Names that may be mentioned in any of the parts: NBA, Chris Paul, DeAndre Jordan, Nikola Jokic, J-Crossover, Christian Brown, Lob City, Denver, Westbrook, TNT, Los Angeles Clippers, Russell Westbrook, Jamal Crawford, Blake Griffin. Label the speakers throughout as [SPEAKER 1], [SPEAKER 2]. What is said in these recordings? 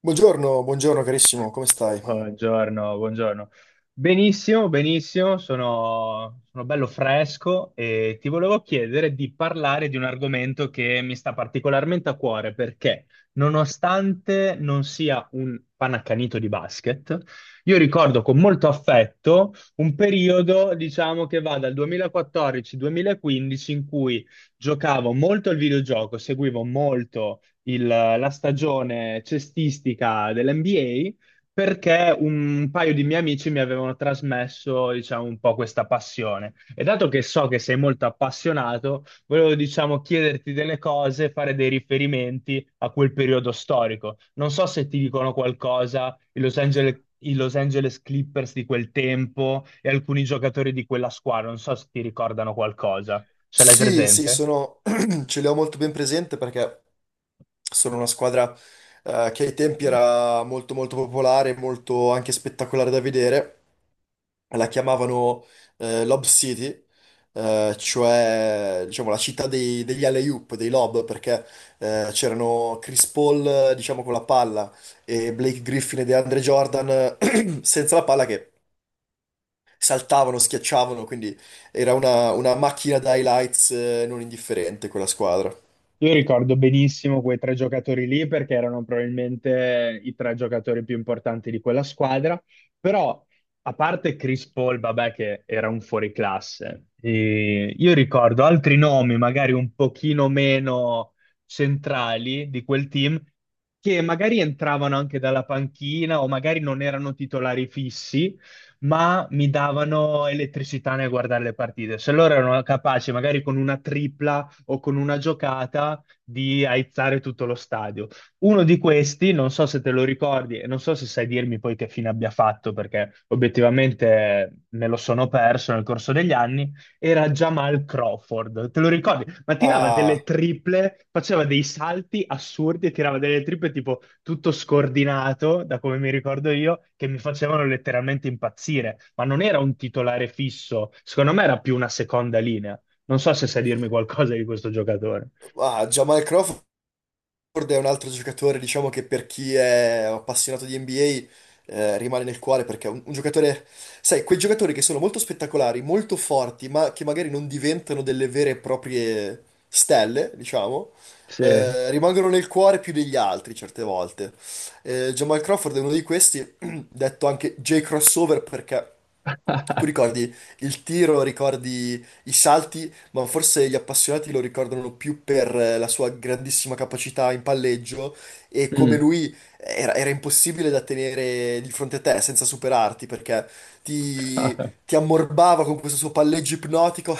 [SPEAKER 1] Buongiorno, buongiorno carissimo, come stai?
[SPEAKER 2] Buongiorno, buongiorno. Benissimo, benissimo, sono bello fresco e ti volevo chiedere di parlare di un argomento che mi sta particolarmente a cuore perché, nonostante non sia un panaccanito di basket, io ricordo con molto affetto un periodo, diciamo, che va dal 2014-2015 in cui giocavo molto al videogioco, seguivo molto la stagione cestistica dell'NBA perché un paio di miei amici mi avevano trasmesso, diciamo, un po' questa passione. E dato che so che sei molto appassionato, volevo, diciamo, chiederti delle cose, fare dei riferimenti a quel periodo storico. Non so se ti dicono qualcosa i Los Angeles Clippers di quel tempo e alcuni giocatori di quella squadra, non so se ti ricordano qualcosa. Ce l'hai
[SPEAKER 1] Sì, sì,
[SPEAKER 2] presente?
[SPEAKER 1] ce l'ho molto ben presente perché sono una squadra che ai tempi era molto molto popolare, molto anche spettacolare da vedere. La chiamavano Lob City, cioè diciamo la città degli alley-oop, dei lob, perché c'erano Chris Paul, diciamo con la palla, e Blake Griffin e DeAndre Jordan senza la palla che saltavano, schiacciavano, quindi era una macchina da highlights non indifferente quella squadra.
[SPEAKER 2] Io ricordo benissimo quei tre giocatori lì perché erano probabilmente i tre giocatori più importanti di quella squadra, però a parte Chris Paul, vabbè, che era un fuoriclasse, e io ricordo altri nomi magari un pochino meno centrali di quel team che magari entravano anche dalla panchina o magari non erano titolari fissi, ma mi davano elettricità nel guardare le partite. Se loro erano capaci magari con una tripla o con una giocata di aizzare tutto lo stadio. Uno di questi, non so se te lo ricordi e non so se sai dirmi poi che fine abbia fatto, perché obiettivamente me lo sono perso nel corso degli anni, era Jamal Crawford. Te lo ricordi? Ma tirava delle
[SPEAKER 1] Ah,
[SPEAKER 2] triple, faceva dei salti assurdi e tirava delle triple tipo tutto scordinato, da come mi ricordo io, che mi facevano letteralmente impazzire. Ma non era un titolare fisso, secondo me era più una seconda linea. Non so se sai dirmi qualcosa di questo giocatore.
[SPEAKER 1] ah, Jamal Crawford è un altro giocatore, diciamo che per chi è appassionato di NBA rimane nel cuore perché è un giocatore, sai, quei giocatori che sono molto spettacolari, molto forti, ma che magari non diventano delle vere e proprie stelle, diciamo.
[SPEAKER 2] Sì.
[SPEAKER 1] Rimangono nel cuore più degli altri certe volte. Jamal Crawford è uno di questi, detto anche J-Crossover perché tu ricordi il tiro, ricordi i salti, ma forse gli appassionati lo ricordano più per la sua grandissima capacità in palleggio e come
[SPEAKER 2] Mm.
[SPEAKER 1] lui era impossibile da tenere di fronte a te senza superarti perché ti, ti ammorbava con questo suo palleggio ipnotico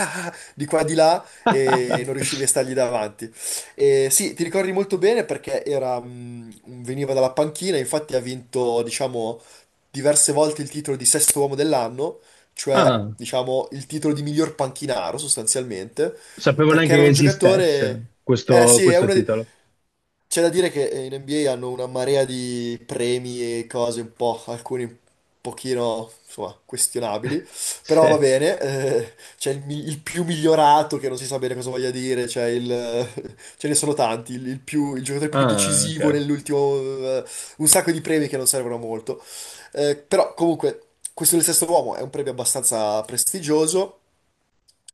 [SPEAKER 1] di qua e di là e non riuscivi a stargli davanti. E sì, ti ricordi molto bene perché veniva dalla panchina, infatti ha vinto, diciamo diverse volte il titolo di sesto uomo dell'anno, cioè
[SPEAKER 2] Ah,
[SPEAKER 1] diciamo il titolo di miglior panchinaro sostanzialmente,
[SPEAKER 2] sapevo
[SPEAKER 1] perché
[SPEAKER 2] neanche
[SPEAKER 1] era
[SPEAKER 2] che
[SPEAKER 1] un giocatore...
[SPEAKER 2] esistesse
[SPEAKER 1] Eh
[SPEAKER 2] questo,
[SPEAKER 1] sì,
[SPEAKER 2] questo titolo.
[SPEAKER 1] c'è da dire che in NBA hanno una marea di premi e cose un po', alcuni un pochino, insomma, questionabili, però va
[SPEAKER 2] Sì.
[SPEAKER 1] bene, c'è il più migliorato che non si sa bene cosa voglia dire, c'è ce ne sono tanti, il giocatore più
[SPEAKER 2] Ah,
[SPEAKER 1] decisivo
[SPEAKER 2] ok.
[SPEAKER 1] nell'ultimo, un sacco di premi che non servono a molto. Però comunque questo del sesto uomo è un premio abbastanza prestigioso,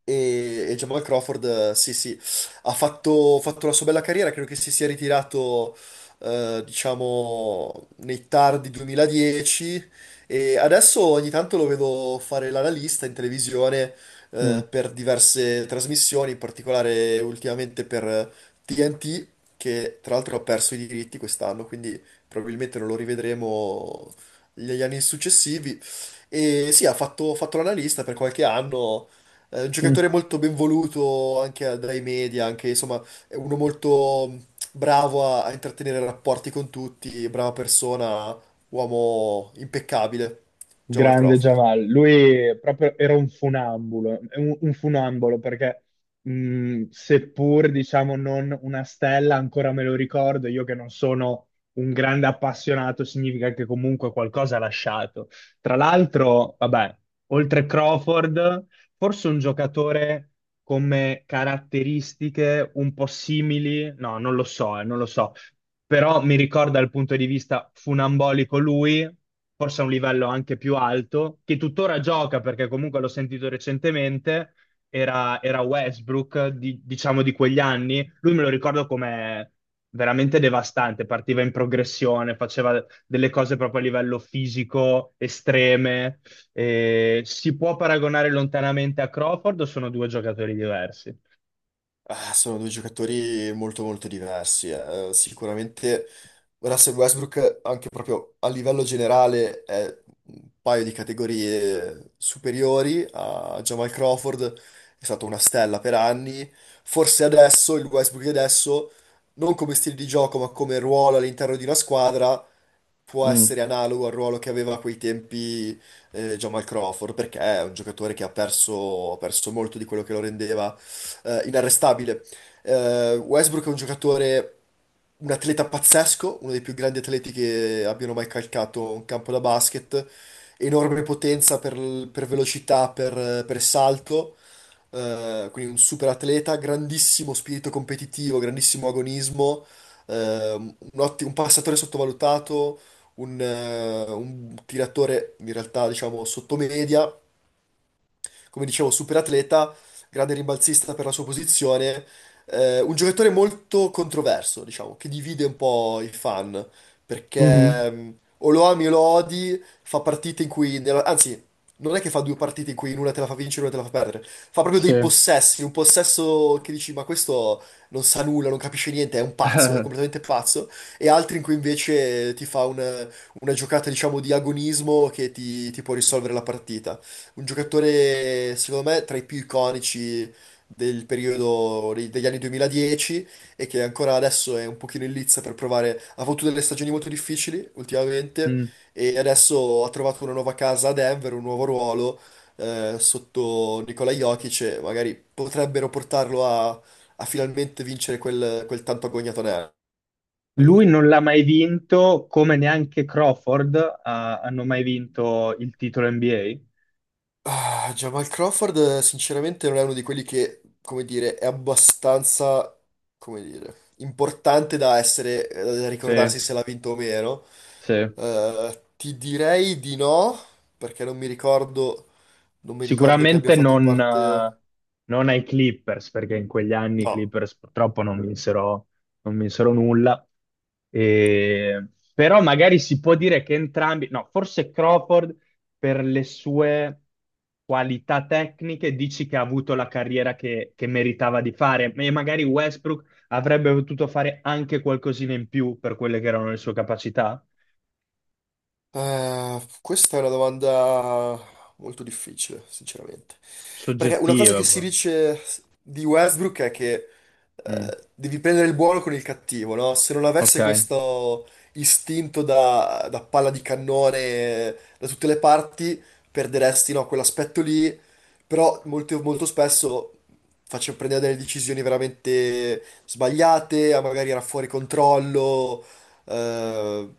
[SPEAKER 1] e Jamal Crawford, sì, sì, ha fatto la sua bella carriera, credo che si sia ritirato, diciamo, nei tardi 2010 e adesso ogni tanto lo vedo fare l'analista in televisione,
[SPEAKER 2] Mm.
[SPEAKER 1] per diverse trasmissioni, in particolare ultimamente per TNT, che tra l'altro ha perso i diritti quest'anno, quindi probabilmente non lo rivedremo negli anni successivi. E sì, ha fatto l'analista per qualche anno. È un
[SPEAKER 2] Mm.
[SPEAKER 1] giocatore molto ben voluto anche dai media, anche insomma, è uno molto bravo a intrattenere rapporti con tutti, brava persona, uomo impeccabile, Jamal
[SPEAKER 2] Grande
[SPEAKER 1] Crawford.
[SPEAKER 2] Jamal, lui proprio era un funambulo, è un funambolo perché seppur diciamo non una stella, ancora me lo ricordo, io che non sono un grande appassionato, significa che comunque qualcosa ha lasciato. Tra l'altro, vabbè, oltre Crawford, forse un giocatore come caratteristiche un po' simili, no, non lo so, però mi ricorda dal punto di vista funambolico lui, forse a un livello anche più alto, che tuttora gioca perché comunque l'ho sentito recentemente, era Westbrook, diciamo di quegli anni, lui me lo ricordo come veramente devastante, partiva in progressione, faceva delle cose proprio a livello fisico estreme, si può paragonare lontanamente a Crawford o sono due giocatori diversi?
[SPEAKER 1] Ah, sono due giocatori molto molto diversi. Sicuramente Russell Westbrook, anche proprio a livello generale, è un paio di categorie superiori a Jamal Crawford, è stato una stella per anni. Forse adesso, il Westbrook di adesso, non come stile di gioco, ma come ruolo all'interno di una squadra, può
[SPEAKER 2] Mm.
[SPEAKER 1] essere analogo al ruolo che aveva a quei tempi Jamal Crawford, perché è un giocatore che ha perso molto di quello che lo rendeva inarrestabile. Westbrook è un giocatore, un atleta pazzesco, uno dei più grandi atleti che abbiano mai calcato un campo da basket. Enorme potenza per velocità, per salto. Quindi un super atleta, grandissimo spirito competitivo, grandissimo agonismo, eh, un, un passatore sottovalutato, un tiratore in realtà diciamo sottomedia come dicevo, super atleta, grande rimbalzista per la sua posizione, un giocatore molto controverso, diciamo, che divide un po' i fan,
[SPEAKER 2] Mhm.
[SPEAKER 1] perché o lo ami o lo odi, fa partite in cui, anzi, non è che fa due partite in cui in una te la fa vincere e una te la fa perdere, fa proprio
[SPEAKER 2] Sì.
[SPEAKER 1] dei possessi, un possesso che dici, ma questo non sa nulla, non capisce niente, è un pazzo, è completamente pazzo, e altri in cui invece ti fa un una giocata, diciamo, di agonismo che ti può risolvere la partita. Un giocatore, secondo me, tra i più iconici del periodo degli anni 2010 e che ancora adesso è un pochino in lizza per provare. Ha avuto delle stagioni molto difficili ultimamente
[SPEAKER 2] Mm.
[SPEAKER 1] e adesso ha trovato una nuova casa a Denver, un nuovo ruolo sotto Nikola Jokic e magari potrebbero portarlo a finalmente vincere quel tanto agognato anello.
[SPEAKER 2] Lui non l'ha mai vinto, come neanche Crawford, hanno mai vinto il titolo NBA?
[SPEAKER 1] Ah, Jamal Crawford sinceramente non è uno di quelli che, come dire, è abbastanza, come dire, importante da essere, da
[SPEAKER 2] Sì,
[SPEAKER 1] ricordarsi se l'ha vinto o meno.
[SPEAKER 2] sì.
[SPEAKER 1] Ti direi di no, perché non mi ricordo, non mi ricordo che abbia
[SPEAKER 2] Sicuramente
[SPEAKER 1] fatto
[SPEAKER 2] non,
[SPEAKER 1] parte...
[SPEAKER 2] eh, non ai Clippers, perché in quegli anni i
[SPEAKER 1] No.
[SPEAKER 2] Clippers purtroppo non vinsero, non vinsero nulla. E- però magari si può dire che entrambi, no, forse Crawford per le sue qualità tecniche dici che ha avuto la carriera che meritava di fare, e magari Westbrook avrebbe potuto fare anche qualcosina in più per quelle che erano le sue capacità
[SPEAKER 1] Questa è una domanda molto difficile, sinceramente. Perché una cosa
[SPEAKER 2] soggettive.
[SPEAKER 1] che si
[SPEAKER 2] Poi.
[SPEAKER 1] dice di Westbrook è che
[SPEAKER 2] Mm,
[SPEAKER 1] devi prendere il buono con il cattivo, no? Se non
[SPEAKER 2] ok.
[SPEAKER 1] avesse questo istinto da palla di cannone da tutte le parti, perderesti, no, quell'aspetto lì. Però molto, molto spesso faccio prendere delle decisioni veramente sbagliate, a magari era fuori controllo. eh,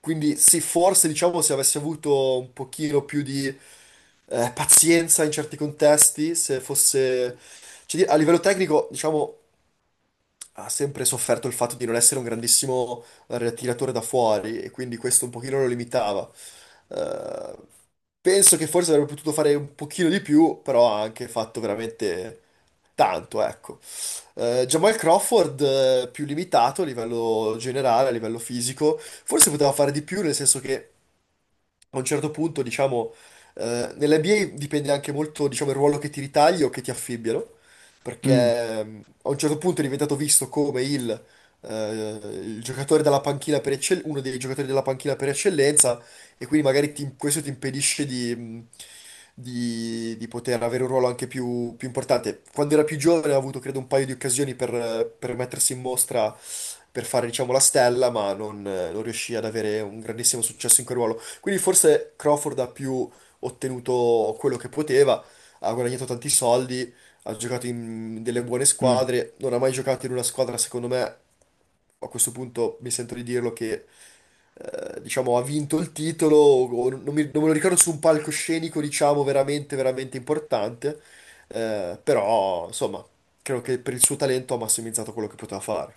[SPEAKER 1] quindi sì, forse diciamo se avessi avuto un pochino più di pazienza in certi contesti, se fosse... cioè, a livello tecnico, diciamo, ha sempre sofferto il fatto di non essere un grandissimo tiratore da fuori e quindi questo un pochino lo limitava. Eh, Penso che forse avrebbe potuto fare un pochino di più, però ha anche fatto veramente tanto, ecco. Jamal Crawford, più limitato a livello generale, a livello fisico, forse poteva fare di più, nel senso che a un certo punto, diciamo, nell'NBA dipende anche molto, diciamo, il ruolo che ti ritagli o che ti affibbiano, perché
[SPEAKER 2] Mm,
[SPEAKER 1] a un certo punto è diventato visto come eh, il giocatore della panchina per uno dei giocatori della panchina per eccellenza, e quindi magari questo ti impedisce di poter avere un ruolo anche più, più importante. Quando era più giovane ha avuto, credo, un paio di occasioni per mettersi in mostra, per fare, diciamo, la stella, ma non riuscì ad avere un grandissimo successo in quel ruolo. Quindi forse Crawford ha più ottenuto quello che poteva, ha guadagnato tanti soldi, ha giocato in delle buone
[SPEAKER 2] mm.
[SPEAKER 1] squadre, non ha mai giocato in una squadra, secondo me, a questo punto mi sento di dirlo che diciamo ha vinto il titolo, o non me lo ricordo su un palcoscenico, diciamo, veramente, veramente importante, però insomma, credo che per il suo talento ha massimizzato quello che poteva fare.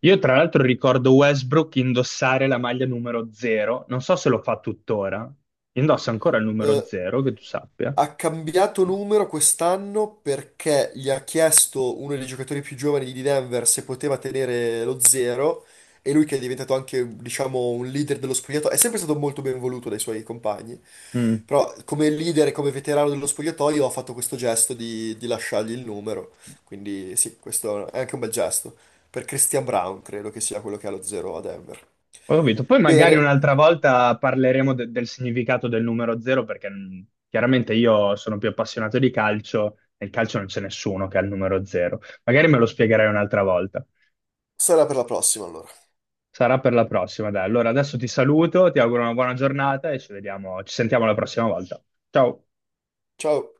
[SPEAKER 2] Io tra l'altro ricordo Westbrook indossare la maglia numero 0, non so se lo fa tuttora, indossa ancora il numero
[SPEAKER 1] Eh,
[SPEAKER 2] 0, che tu sappia.
[SPEAKER 1] Ha cambiato numero quest'anno perché gli ha chiesto uno dei giocatori più giovani di Denver se poteva tenere lo zero e lui che è diventato anche, diciamo, un leader dello spogliatoio, è sempre stato molto ben voluto dai suoi compagni,
[SPEAKER 2] Mm,
[SPEAKER 1] però come leader e come veterano dello spogliatoio ha fatto questo gesto di, lasciargli il numero, quindi sì, questo è anche un bel gesto. Per Christian Brown credo che sia quello che ha lo zero a Denver.
[SPEAKER 2] Ho capito. Poi magari
[SPEAKER 1] Bene,
[SPEAKER 2] un'altra volta parleremo del significato del numero 0 perché chiaramente io sono più appassionato di calcio, nel calcio non c'è nessuno che ha il numero 0. Magari me lo spiegherai un'altra volta.
[SPEAKER 1] sarà per la prossima allora.
[SPEAKER 2] Sarà per la prossima, dai. Allora adesso ti saluto, ti auguro una buona giornata e ci vediamo, ci sentiamo la prossima volta. Ciao.
[SPEAKER 1] Ciao!